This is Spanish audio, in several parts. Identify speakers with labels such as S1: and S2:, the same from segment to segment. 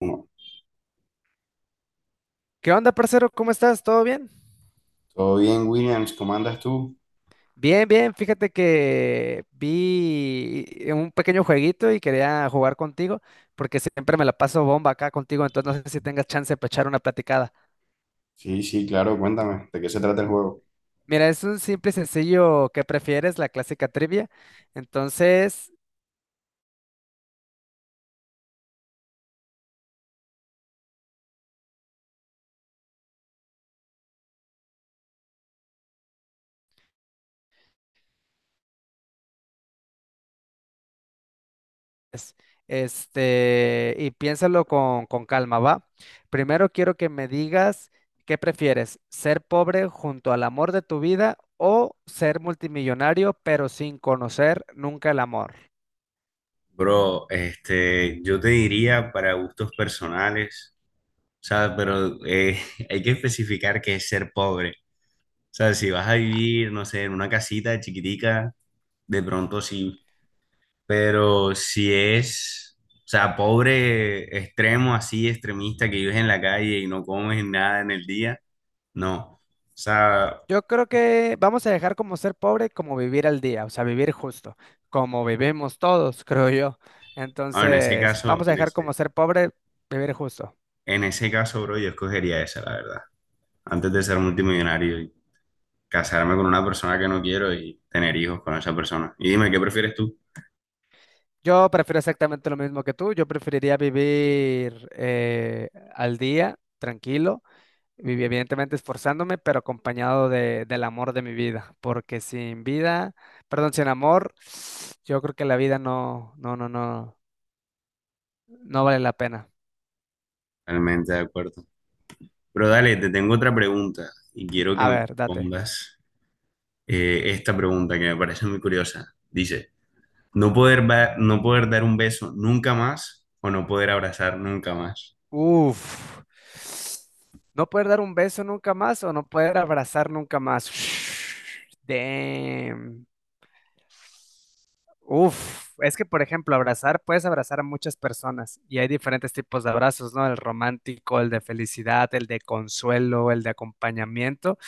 S1: No.
S2: ¿Qué onda, parcero? ¿Cómo estás? ¿Todo bien?
S1: ¿Todo bien, Williams? ¿Cómo andas tú?
S2: Bien, bien. Fíjate que vi un pequeño jueguito y quería jugar contigo porque siempre me la paso bomba acá contigo, entonces no sé si tengas chance para echar una platicada.
S1: Sí, sí, claro, cuéntame, ¿de qué se trata el juego?
S2: Mira, es un simple y sencillo ¿qué prefieres? La clásica trivia. Entonces, es, y piénsalo con calma, ¿va? Primero quiero que me digas qué prefieres, ser pobre junto al amor de tu vida o ser multimillonario pero sin conocer nunca el amor.
S1: Bro, este, yo te diría para gustos personales, ¿sabes? Pero hay que especificar qué es ser pobre. O sea, si vas a vivir, no sé, en una casita chiquitica, de pronto sí. Pero si es, o sea, pobre extremo, así, extremista, que vives en la calle y no comes nada en el día, no. O sea,
S2: Yo creo que vamos a dejar como ser pobre como vivir al día, o sea, vivir justo, como vivimos todos, creo yo.
S1: ah, en ese
S2: Entonces,
S1: caso,
S2: vamos a dejar como ser pobre, vivir justo.
S1: en ese caso, bro, yo escogería esa, la verdad. Antes de ser multimillonario y casarme con una persona que no quiero y tener hijos con esa persona. Y dime, ¿qué prefieres tú?
S2: Yo prefiero exactamente lo mismo que tú. Yo preferiría vivir al día, tranquilo, evidentemente esforzándome, pero acompañado del amor de mi vida. Porque sin vida, perdón, sin amor, yo creo que la vida no vale la pena.
S1: Totalmente de acuerdo. Pero dale, te tengo otra pregunta y quiero que
S2: A
S1: me
S2: ver, date.
S1: respondas esta pregunta que me parece muy curiosa. Dice, ¿ no poder dar un beso nunca más o no poder abrazar nunca más?
S2: Uf. ¿No poder dar un beso nunca más o no poder abrazar nunca más? Damn. Uf, es que por ejemplo, abrazar, puedes abrazar a muchas personas y hay diferentes tipos de abrazos, ¿no? El romántico, el de felicidad, el de consuelo, el de acompañamiento.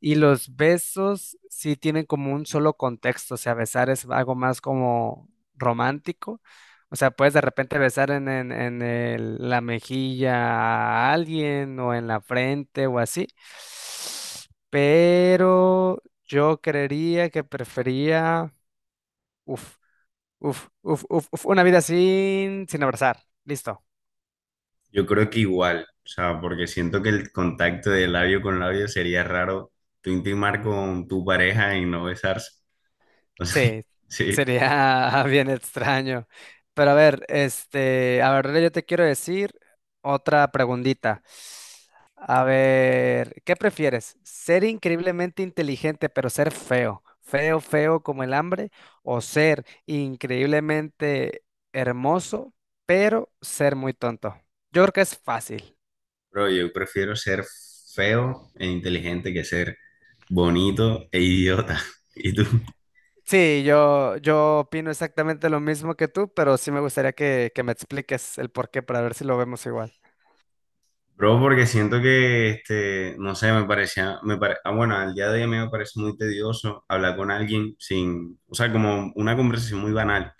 S2: Y los besos sí tienen como un solo contexto, o sea, besar es algo más como romántico. O sea, puedes de repente besar en la mejilla a alguien o en la frente o así. Pero yo creería que prefería Uf, uf. Una vida sin abrazar. Listo.
S1: Yo creo que igual, o sea, porque siento que el contacto de labio con labio sería raro tú intimar con tu pareja y no besarse.
S2: Sí,
S1: Sí,
S2: sería bien extraño. Pero a ver, este, a ver, yo te quiero decir otra preguntita. A ver, ¿qué prefieres? ¿Ser increíblemente inteligente pero ser feo? Feo, feo como el hambre, o ser increíblemente hermoso pero ser muy tonto. Yo creo que es fácil.
S1: pero yo prefiero ser feo e inteligente que ser bonito e idiota. ¿Y tú?
S2: Sí, yo opino exactamente lo mismo que tú, pero sí me gustaría que me expliques el porqué para ver si lo vemos igual.
S1: Bro, porque siento que, este, no sé, me parecía, me pare- ah, bueno, al día de hoy me parece muy tedioso hablar con alguien sin, o sea, como una conversación muy banal.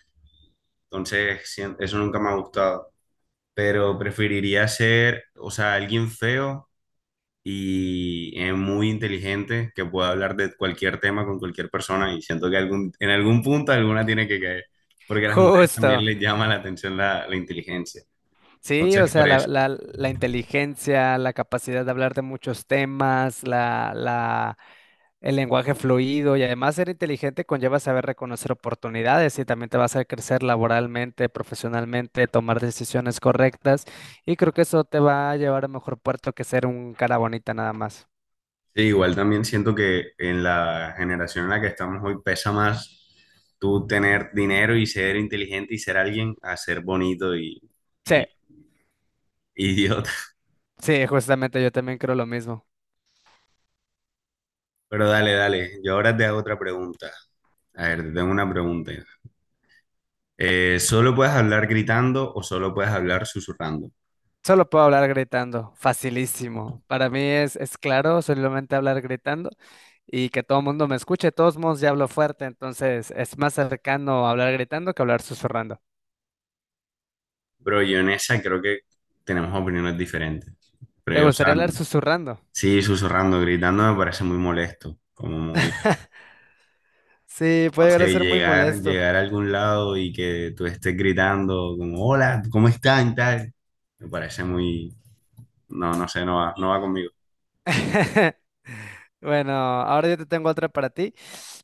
S1: Entonces, eso nunca me ha gustado. Pero preferiría ser, o sea, alguien feo y es muy inteligente, que puede hablar de cualquier tema con cualquier persona y siento que en algún punto alguna tiene que caer, porque a las mujeres también
S2: Justo.
S1: les llama la atención la inteligencia.
S2: Sí, o
S1: Entonces,
S2: sea,
S1: por eso.
S2: la inteligencia, la capacidad de hablar de muchos temas, el lenguaje fluido y además ser inteligente conlleva saber reconocer oportunidades y también te va a hacer crecer laboralmente, profesionalmente, tomar decisiones correctas y creo que eso te va a llevar a mejor puerto que ser un cara bonita nada más.
S1: Sí, igual también siento que en la generación en la que estamos hoy pesa más tú tener dinero y ser inteligente y ser alguien a ser bonito
S2: Sí.
S1: y idiota.
S2: Sí, justamente yo también creo lo mismo.
S1: Pero dale, yo ahora te hago otra pregunta. A ver, te tengo una pregunta. Solo puedes hablar gritando o solo puedes hablar susurrando.
S2: Solo puedo hablar gritando, facilísimo. Para mí es claro, solamente hablar gritando y que todo el mundo me escuche. De todos modos ya hablo fuerte, entonces es más cercano hablar gritando que hablar susurrando.
S1: Pero yo en esa creo que tenemos opiniones diferentes.
S2: ¿Te
S1: Pero, o sea,
S2: gustaría hablar susurrando?
S1: sí, susurrando, gritando me parece muy molesto. Como muy,
S2: Sí,
S1: no
S2: puede llegar a
S1: sé,
S2: ser muy molesto.
S1: llegar a algún lado y que tú estés gritando, como, hola, ¿cómo están? Tal. Me parece muy, no, no sé, no va conmigo.
S2: Bueno, ahora yo te tengo otra para ti.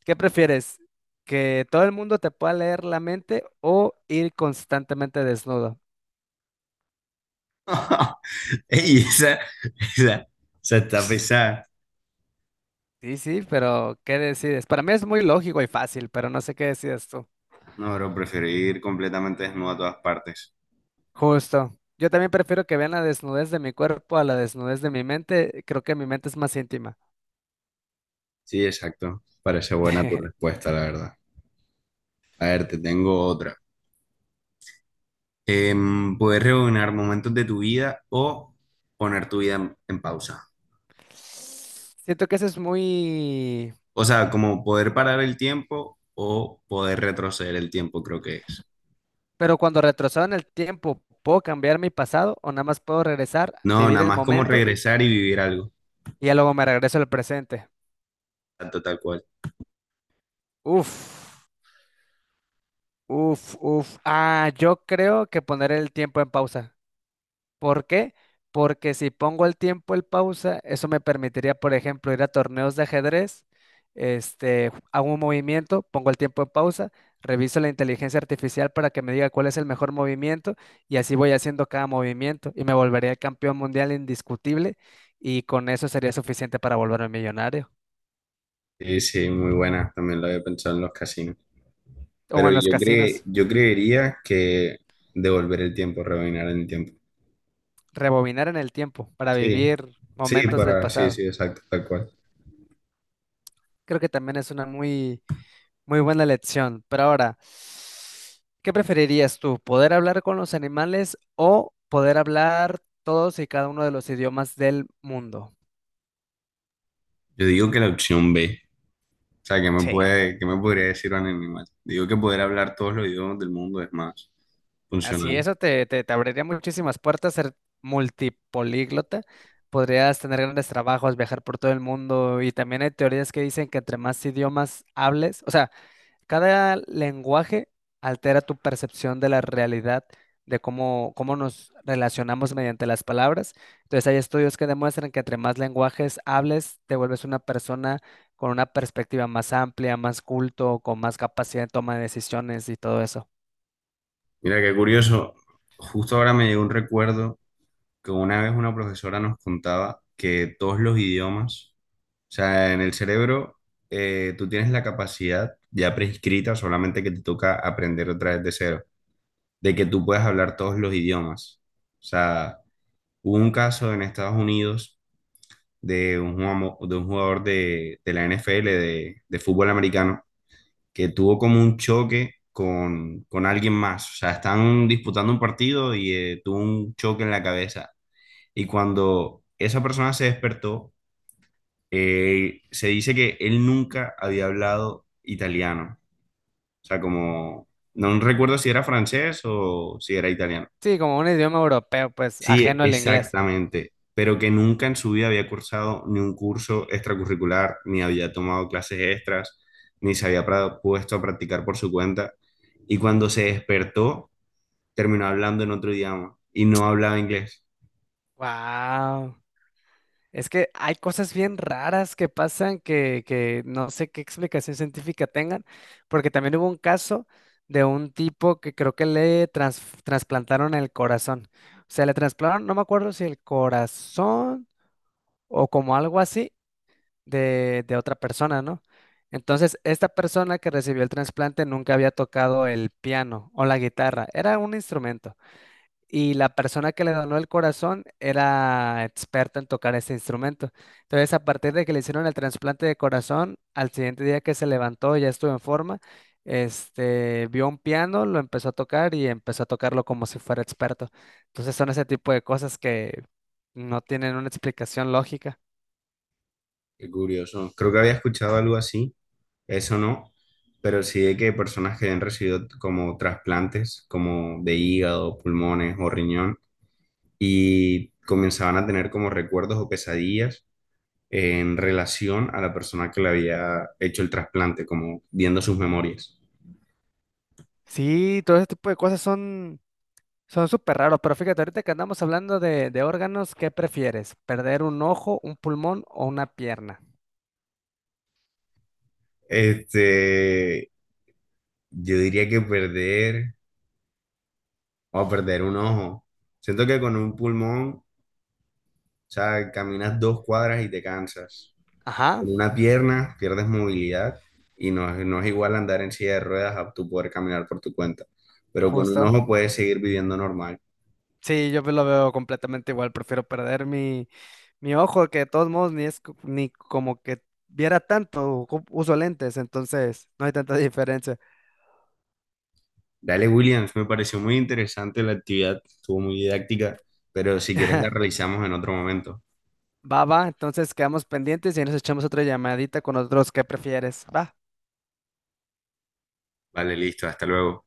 S2: ¿Qué prefieres? ¿Que todo el mundo te pueda leer la mente o ir constantemente desnudo?
S1: Ey, esa, esa está pesada.
S2: Sí, sí, pero ¿qué decides? Para mí es muy lógico y fácil, pero no sé qué decides tú.
S1: No, pero prefiero ir completamente desnudo a todas partes.
S2: Justo. Yo también prefiero que vean la desnudez de mi cuerpo a la desnudez de mi mente. Creo que mi mente es más íntima.
S1: Sí, exacto. Parece buena tu respuesta, la verdad. A ver, te tengo otra. Poder rebobinar momentos de tu vida o poner tu vida en pausa.
S2: Siento que eso es muy...
S1: O sea, como poder parar el tiempo o poder retroceder el tiempo, creo que es.
S2: Pero cuando retrocedo en el tiempo, ¿puedo cambiar mi pasado o nada más puedo regresar,
S1: No,
S2: vivir
S1: nada
S2: el
S1: más como
S2: momento
S1: regresar y vivir algo,
S2: y ya luego me regreso al presente?
S1: tanto tal cual.
S2: Uf, uf. Ah, yo creo que poner el tiempo en pausa. ¿Por qué? Porque si pongo el tiempo en pausa, eso me permitiría, por ejemplo, ir a torneos de ajedrez, hago un movimiento, pongo el tiempo en pausa, reviso la inteligencia artificial para que me diga cuál es el mejor movimiento y así voy haciendo cada movimiento y me volvería campeón mundial indiscutible y con eso sería suficiente para volverme millonario.
S1: Sí, sí, muy buena. También lo había pensado en los casinos. Pero
S2: O en los casinos,
S1: yo creería que devolver el tiempo, rebobinar el tiempo.
S2: rebobinar en el tiempo para
S1: Sí,
S2: vivir
S1: sí,
S2: momentos del
S1: para, sí,
S2: pasado.
S1: sí, exacto, tal cual.
S2: Creo que también es una muy buena lección. Pero ahora, ¿qué preferirías tú? ¿Poder hablar con los animales o poder hablar todos y cada uno de los idiomas del mundo?
S1: Yo digo que la opción B. O sea, ¿qué me
S2: Sí,
S1: puede, qué me podría decir un animal? Digo que poder hablar todos los idiomas del mundo es más
S2: así
S1: funcional.
S2: eso te abriría muchísimas puertas, ser multipolíglota. Podrías tener grandes trabajos, viajar por todo el mundo y también hay teorías que dicen que entre más idiomas hables, o sea, cada lenguaje altera tu percepción de la realidad, de cómo nos relacionamos mediante las palabras. Entonces, hay estudios que demuestran que entre más lenguajes hables, te vuelves una persona con una perspectiva más amplia, más culto, con más capacidad de toma de decisiones y todo eso.
S1: Mira, qué curioso. Justo ahora me llegó un recuerdo que una vez una profesora nos contaba que todos los idiomas, o sea, en el cerebro tú tienes la capacidad ya prescrita, solamente que te toca aprender otra vez de cero, de que tú puedes hablar todos los idiomas. O sea, hubo un caso en Estados Unidos un jugador de la NFL, de fútbol americano, que tuvo como un choque con alguien más. O sea, están disputando un partido y tuvo un choque en la cabeza. Y cuando esa persona se despertó, se dice que él nunca había hablado italiano. O sea, como, no recuerdo si era francés o si era italiano.
S2: Sí, como un idioma europeo, pues
S1: Sí,
S2: ajeno al inglés.
S1: exactamente, pero que nunca en su vida había cursado ni un curso extracurricular, ni había tomado clases extras, ni se había pra- puesto a practicar por su cuenta. Y cuando se despertó, terminó hablando en otro idioma y no hablaba inglés.
S2: Wow. Es que hay cosas bien raras que pasan que no sé qué explicación científica tengan, porque también hubo un caso de un tipo que creo que le trasplantaron el corazón. O sea, le trasplantaron, no me acuerdo si el corazón o como algo así de otra persona, ¿no? Entonces, esta persona que recibió el trasplante nunca había tocado el piano o la guitarra, era un instrumento y la persona que le donó el corazón era experta en tocar ese instrumento. Entonces, a partir de que le hicieron el trasplante de corazón, al siguiente día que se levantó, ya estuvo en forma, vio un piano, lo empezó a tocar y empezó a tocarlo como si fuera experto. Entonces, son ese tipo de cosas que no tienen una explicación lógica.
S1: Qué curioso. Creo que había escuchado algo así, eso no, pero sí de que personas que habían recibido como trasplantes, como de hígado, pulmones o riñón, y comenzaban a tener como recuerdos o pesadillas en relación a la persona que le había hecho el trasplante, como viendo sus memorias.
S2: Sí, todo ese tipo de cosas son súper raros, pero fíjate, ahorita que andamos hablando de órganos, ¿qué prefieres? ¿Perder un ojo, un pulmón o una pierna?
S1: Este, yo diría que perder o perder un ojo. Siento que con un pulmón, o sea, caminas dos cuadras y te cansas.
S2: Ajá.
S1: Con una pierna pierdes movilidad y no, no es igual andar en silla de ruedas a tú poder caminar por tu cuenta. Pero con un
S2: Justo.
S1: ojo puedes seguir viviendo normal.
S2: Sí, yo lo veo completamente igual. Prefiero perder mi ojo, que de todos modos ni es co- ni como que viera tanto. Uso lentes, entonces no hay tanta diferencia.
S1: Dale, Williams, me pareció muy interesante la actividad, estuvo muy didáctica, pero si quieres la realizamos en otro momento.
S2: Va, va, entonces quedamos pendientes y ahí nos echamos otra llamadita con otros que prefieres. Va.
S1: Vale, listo, hasta luego.